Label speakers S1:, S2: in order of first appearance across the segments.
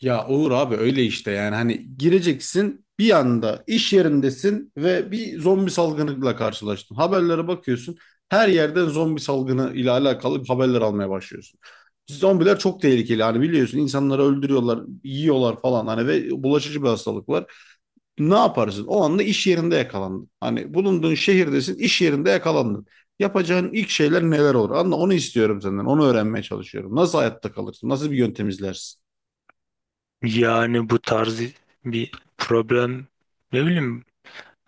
S1: Ya olur abi öyle işte yani hani gireceksin bir anda iş yerindesin ve bir zombi salgınıyla karşılaştın. Haberlere bakıyorsun her yerden zombi salgını ile alakalı haberler almaya başlıyorsun. Zombiler çok tehlikeli hani biliyorsun insanları öldürüyorlar, yiyorlar falan hani ve bulaşıcı bir hastalık var. Ne yaparsın? O anda iş yerinde yakalandın. Hani bulunduğun şehirdesin iş yerinde yakalandın. Yapacağın ilk şeyler neler olur? Anla onu istiyorum senden onu öğrenmeye çalışıyorum. Nasıl hayatta kalırsın? Nasıl bir yöntem izlersin?
S2: Yani bu tarz bir problem, ne bileyim,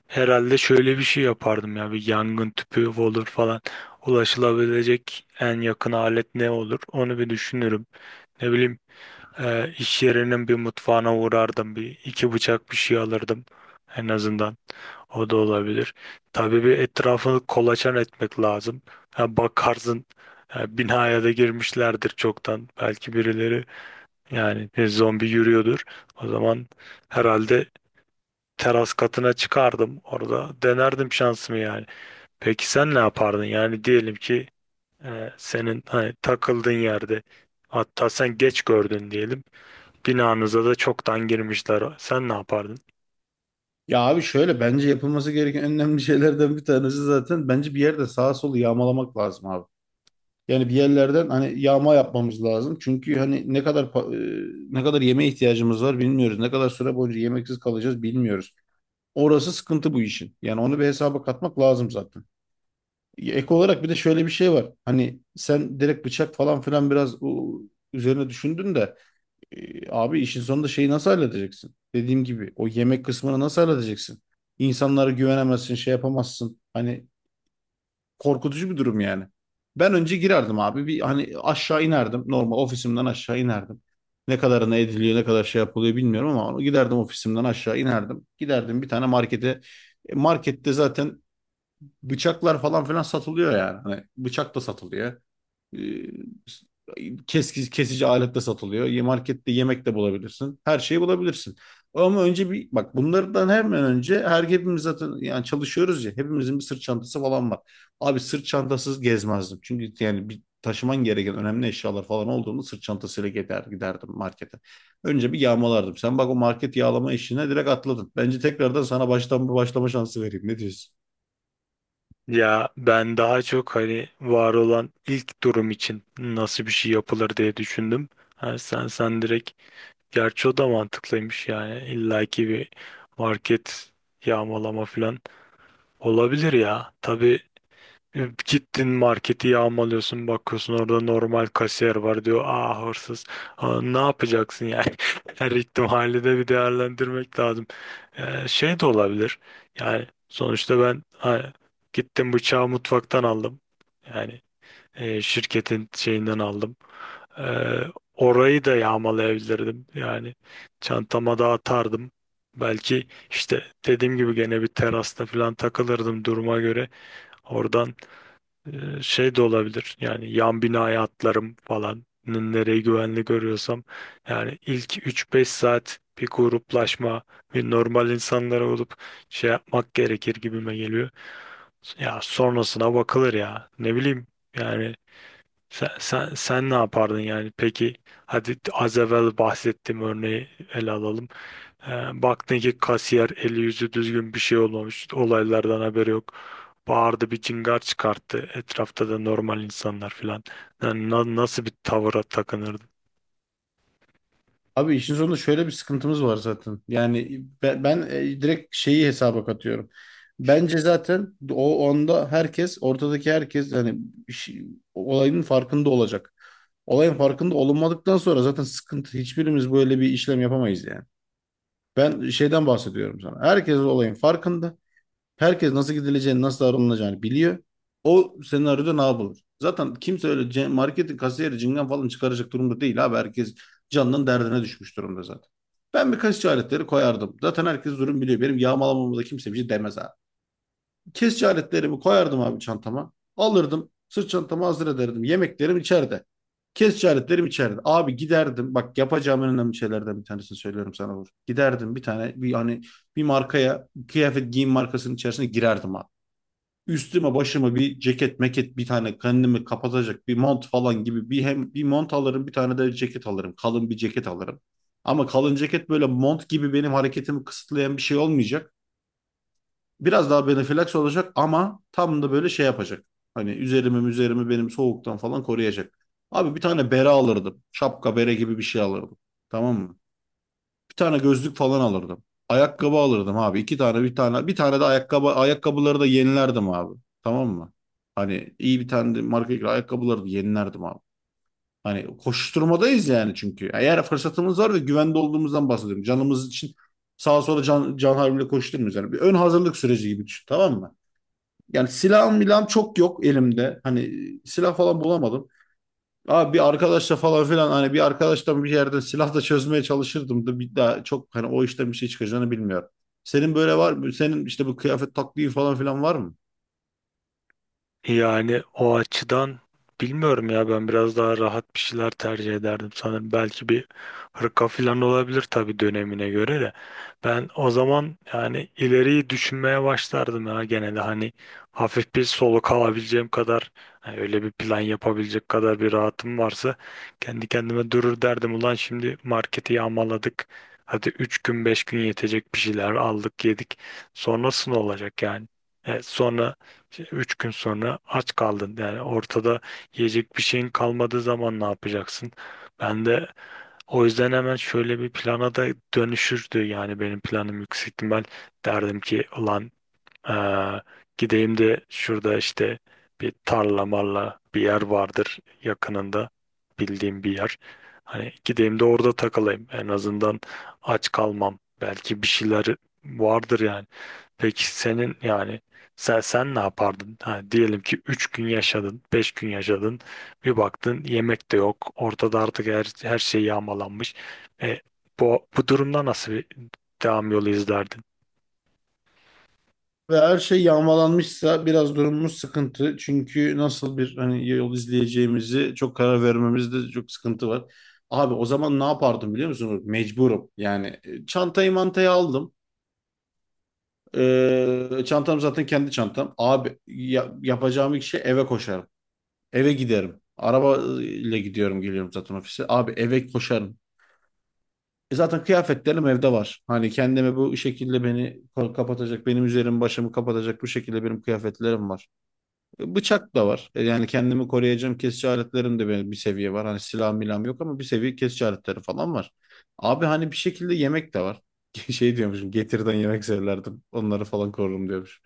S2: herhalde şöyle bir şey yapardım. Ya bir yangın tüpü olur falan, ulaşılabilecek en yakın alet ne olur onu bir düşünürüm. Ne bileyim, iş yerinin bir mutfağına uğrardım, bir iki bıçak bir şey alırdım en azından, o da olabilir. Tabii bir etrafını kolaçan etmek lazım. Ha, Bakarsın binaya da girmişlerdir çoktan, belki birileri. Yani bir zombi yürüyordur. O zaman herhalde teras katına çıkardım. Orada denerdim şansımı yani. Peki sen ne yapardın? Yani diyelim ki senin hani takıldığın yerde, hatta sen geç gördün diyelim. Binanıza da çoktan girmişler. Sen ne yapardın?
S1: Ya abi şöyle bence yapılması gereken en önemli şeylerden bir tanesi zaten bence bir yerde sağa solu yağmalamak lazım abi. Yani bir yerlerden hani yağma yapmamız lazım. Çünkü hani ne kadar ne kadar yemeğe ihtiyacımız var bilmiyoruz. Ne kadar süre boyunca yemeksiz kalacağız bilmiyoruz. Orası sıkıntı bu işin. Yani onu bir hesaba katmak lazım zaten. Ek olarak bir de şöyle bir şey var. Hani sen direkt bıçak falan filan biraz o, üzerine düşündün de abi işin sonunda şeyi nasıl halledeceksin? Dediğim gibi o yemek kısmını nasıl halledeceksin? İnsanlara güvenemezsin, şey yapamazsın. Hani korkutucu bir durum yani. Ben önce girerdim abi. Bir hani aşağı inerdim. Normal ofisimden aşağı inerdim. Ne kadarına ediliyor, ne kadar şey yapılıyor bilmiyorum ama giderdim ofisimden aşağı inerdim. Giderdim bir tane markete. Markette zaten bıçaklar falan filan satılıyor yani. Hani bıçak da satılıyor. E, kesici alet de satılıyor. Markette yemek de bulabilirsin. Her şeyi bulabilirsin. Ama önce bir bak bunlardan hemen önce hepimiz zaten yani çalışıyoruz ya hepimizin bir sırt çantası falan var. Abi sırt çantasız gezmezdim. Çünkü yani bir taşıman gereken önemli eşyalar falan olduğunda sırt çantasıyla giderdim markete. Önce bir yağmalardım. Sen bak o market yağlama işine direkt atladın. Bence tekrardan sana baştan bir başlama şansı vereyim. Ne diyorsun?
S2: Ya ben daha çok hani var olan ilk durum için nasıl bir şey yapılır diye düşündüm. Ha, sen direkt, gerçi o da mantıklıymış, yani illaki bir market yağmalama falan olabilir ya. Tabii, gittin marketi yağmalıyorsun, bakıyorsun orada normal kasiyer var, diyor "aa, hırsız". Aa, ne yapacaksın yani? Her ihtimali de bir değerlendirmek lazım. Şey de olabilir yani, sonuçta ben, ha, gittim bıçağı mutfaktan aldım, yani şirketin şeyinden aldım. Ee, Orayı da yağmalayabilirdim yani, çantama da atardım. Belki işte dediğim gibi gene bir terasta falan takılırdım duruma göre, oradan şey de olabilir yani, yan binaya atlarım falan. Nereyi güvenli görüyorsam. Yani ilk üç beş saat bir gruplaşma, bir normal insanlar olup şey yapmak gerekir gibime geliyor. Ya sonrasına bakılır ya, ne bileyim. Yani sen ne yapardın yani? Peki hadi az evvel bahsettiğim örneği ele alalım. E, Baktın ki kasiyer, eli yüzü düzgün, bir şey olmamış. Olaylardan haberi yok. Bağırdı, bir cingar çıkarttı. Etrafta da normal insanlar filan. Yani nasıl bir tavıra takınırdı?
S1: Abi işin sonunda şöyle bir sıkıntımız var zaten. Yani ben direkt şeyi hesaba katıyorum. Bence zaten o onda herkes, ortadaki herkes yani işi- olayın farkında olacak. Olayın farkında olunmadıktan sonra zaten sıkıntı. Hiçbirimiz böyle bir işlem yapamayız yani. Ben şeyden bahsediyorum sana. Herkes olayın farkında. Herkes nasıl gidileceğini, nasıl davranılacağını biliyor. O senaryoda ne yapılır? Zaten kimse öyle marketin kasiyeri cingen falan çıkaracak durumda değil abi. Herkes canının derdine düşmüş durumda zaten. Ben bir kaşık aletleri koyardım. Zaten herkes durum biliyor. Benim yağmalamama da kimse bir şey demez abi. Kesici aletlerimi koyardım abi çantama. Alırdım. Sırt çantamı hazır ederdim. Yemeklerim içeride. Kesici aletlerim içeride. Abi giderdim. Bak yapacağım en önemli şeylerden bir tanesini söylüyorum sana Uğur. Giderdim bir tane hani bir markaya, kıyafet giyim markasının içerisine girerdim abi. Üstüme başıma bir ceket meket bir tane kendimi kapatacak bir mont falan gibi bir hem bir mont alırım, bir tane de ceket alırım. Kalın bir ceket alırım. Ama kalın ceket böyle mont gibi benim hareketimi kısıtlayan bir şey olmayacak. Biraz daha benefilaksi olacak ama tam da böyle şey yapacak. Hani üzerimi benim soğuktan falan koruyacak. Abi bir tane bere alırdım. Şapka bere gibi bir şey alırdım. Tamam mı? Bir tane gözlük falan alırdım. Ayakkabı alırdım abi. İki tane bir tane de ayakkabıları da yenilerdim abi. Tamam mı? Hani iyi bir tane de marka ayakkabıları da yenilerdim abi. Hani koşturmadayız yani çünkü. Eğer fırsatımız var ve güvende olduğumuzdan bahsediyorum. Canımız için sağa sola can havliyle koşturmuyoruz. Yani bir ön hazırlık süreci gibi düşün, tamam mı? Yani silahım milahım çok yok elimde. Hani silah falan bulamadım. Abi bir arkadaşla falan filan hani bir arkadaştan bir yerden silah da çözmeye çalışırdım da bir daha çok hani o işten bir şey çıkacağını bilmiyorum. Senin böyle var mı? Senin işte bu kıyafet taktiği falan filan var mı?
S2: Yani o açıdan bilmiyorum ya, ben biraz daha rahat bir şeyler tercih ederdim sanırım. Belki bir hırka falan olabilir, tabii dönemine göre de. Ben o zaman yani ileriyi düşünmeye başlardım ya genelde. Hani hafif bir soluk alabileceğim kadar, hani öyle bir plan yapabilecek kadar bir rahatım varsa, kendi kendime durur derdim. Ulan şimdi marketi yağmaladık, hadi 3 gün 5 gün yetecek bir şeyler aldık, yedik. Sonrasında olacak yani? Sonra işte üç gün sonra aç kaldın. Yani ortada yiyecek bir şeyin kalmadığı zaman ne yapacaksın? Ben de o yüzden hemen şöyle bir plana da dönüşürdü. Yani benim planım yüksek ihtimal, derdim ki ulan, ee, gideyim de şurada işte bir tarla marla bir yer vardır yakınında, bildiğim bir yer. Hani gideyim de orada takılayım. En azından aç kalmam. Belki bir şeyler vardır yani. Peki senin, yani sen ne yapardın? Ha, diyelim ki 3 gün yaşadın, 5 gün yaşadın, bir baktın yemek de yok, ortada artık her şey yağmalanmış. E, bu durumda nasıl bir devam yolu izlerdin?
S1: Ve her şey yağmalanmışsa biraz durumumuz sıkıntı. Çünkü nasıl bir hani yol izleyeceğimizi çok, karar vermemizde çok sıkıntı var. Abi o zaman ne yapardım biliyor musun? Mecburum. Yani çantayı mantayı aldım. Çantam zaten kendi çantam. Abi yapacağım ilk şey eve koşarım. Eve giderim. Araba ile gidiyorum geliyorum zaten ofise. Abi eve koşarım. Zaten kıyafetlerim evde var. Hani kendime bu şekilde beni kapatacak, benim üzerimi başımı kapatacak bu şekilde benim kıyafetlerim var. Bıçak da var. Yani kendimi koruyacağım kesici aletlerim de benim bir seviye var. Hani silah milam yok ama bir seviye kesici aletleri falan var. Abi hani bir şekilde yemek de var. Şey diyormuşum, getirden yemek severdim. Onları falan korurum diyormuşum.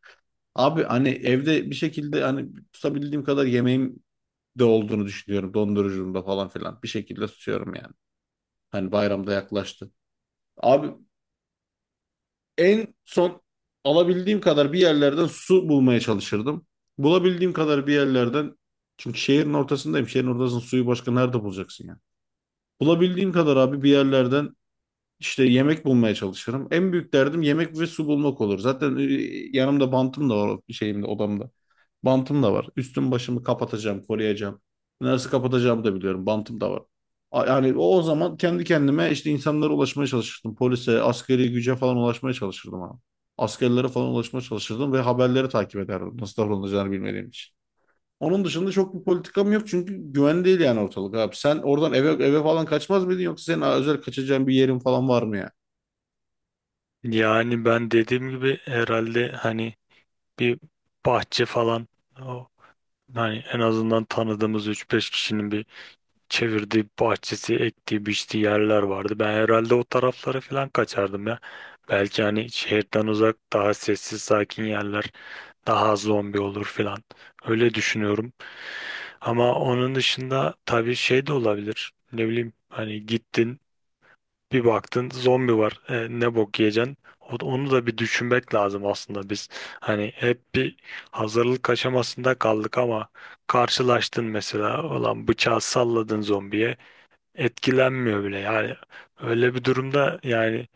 S1: Abi hani evde bir şekilde hani tutabildiğim kadar yemeğim de olduğunu düşünüyorum. Dondurucumda falan filan. Bir şekilde tutuyorum yani. Hani bayramda yaklaştı. Abi en son alabildiğim kadar bir yerlerden su bulmaya çalışırdım. Bulabildiğim kadar bir yerlerden, çünkü şehrin ortasındayım. Şehrin ortasının suyu başka nerede bulacaksın yani? Bulabildiğim kadar abi bir yerlerden İşte yemek bulmaya çalışırım. En büyük derdim yemek ve su bulmak olur. Zaten yanımda bantım da var, şeyimde, odamda. Bantım da var. Üstüm başımı kapatacağım, koruyacağım. Neresi kapatacağımı da biliyorum. Bantım da var. Yani o zaman kendi kendime işte insanlara ulaşmaya çalışırdım. Polise, askeri güce falan ulaşmaya çalışırdım ama. Askerlere falan ulaşmaya çalışırdım ve haberleri takip ederdim. Nasıl davranılacağını bilmediğim için. Onun dışında çok bir politikam yok çünkü güven değil yani ortalık abi. Sen oradan eve falan kaçmaz mıydın, yoksa senin özel kaçacağın bir yerin falan var mı yani?
S2: Yani ben dediğim gibi herhalde, hani bir bahçe falan, o, hani en azından tanıdığımız üç beş kişinin bir çevirdiği bahçesi, ektiği, biçtiği yerler vardı. Ben herhalde o taraflara falan kaçardım ya. Belki hani şehirden uzak daha sessiz, sakin yerler, daha az zombi olur falan. Öyle düşünüyorum. Ama onun dışında tabii şey de olabilir. Ne bileyim, hani gittin bir baktın zombi var, e, ne bok yiyeceksin? Onu da bir düşünmek lazım aslında biz. Hani hep bir hazırlık aşamasında kaldık ama karşılaştın mesela, olan bıçağı salladın zombiye, etkilenmiyor bile. Yani öyle bir durumda yani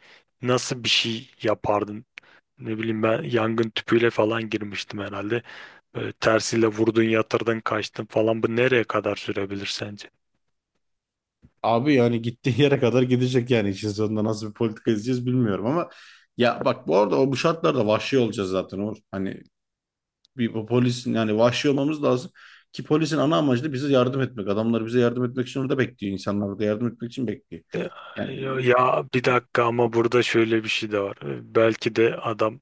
S2: nasıl bir şey yapardın? Ne bileyim, ben yangın tüpüyle falan girmiştim herhalde. Böyle tersiyle vurdun, yatırdın, kaçtın falan. Bu nereye kadar sürebilir sence?
S1: Abi yani gittiği yere kadar gidecek yani. İşin sonunda nasıl bir politika izleyeceğiz bilmiyorum ama ya bak, bu arada o bu şartlarda vahşi olacağız zaten Uğur. Hani bir bu polisin yani vahşi olmamız lazım ki polisin ana amacı da bize yardım etmek. Adamlar bize yardım etmek için orada bekliyor. İnsanlar orada yardım etmek için bekliyor. Yani
S2: Ya ya, bir dakika, ama burada şöyle bir şey de var. Belki de adam,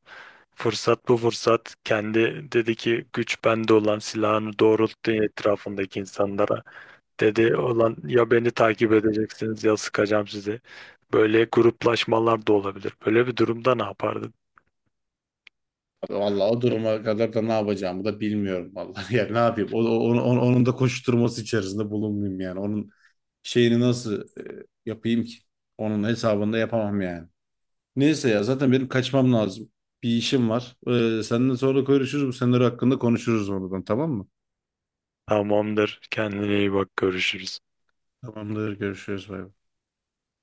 S2: fırsat bu fırsat, kendi dedi ki güç bende, olan silahını doğrulttu etrafındaki insanlara. Dedi olan ya beni takip edeceksiniz ya sıkacağım sizi. Böyle gruplaşmalar da olabilir. Böyle bir durumda ne yapardın?
S1: abi vallahi o duruma kadar da ne yapacağımı da bilmiyorum vallahi. Yani ne yapayım? Onun da koşturması içerisinde bulunmayayım yani. Onun şeyini nasıl yapayım ki? Onun hesabını da yapamam yani. Neyse ya zaten benim kaçmam lazım. Bir işim var. Seninle sonra görüşürüz. Bu senaryo hakkında konuşuruz oradan, tamam mı?
S2: Tamamdır. Kendine iyi bak. Görüşürüz.
S1: Tamamdır, görüşürüz, bay bay.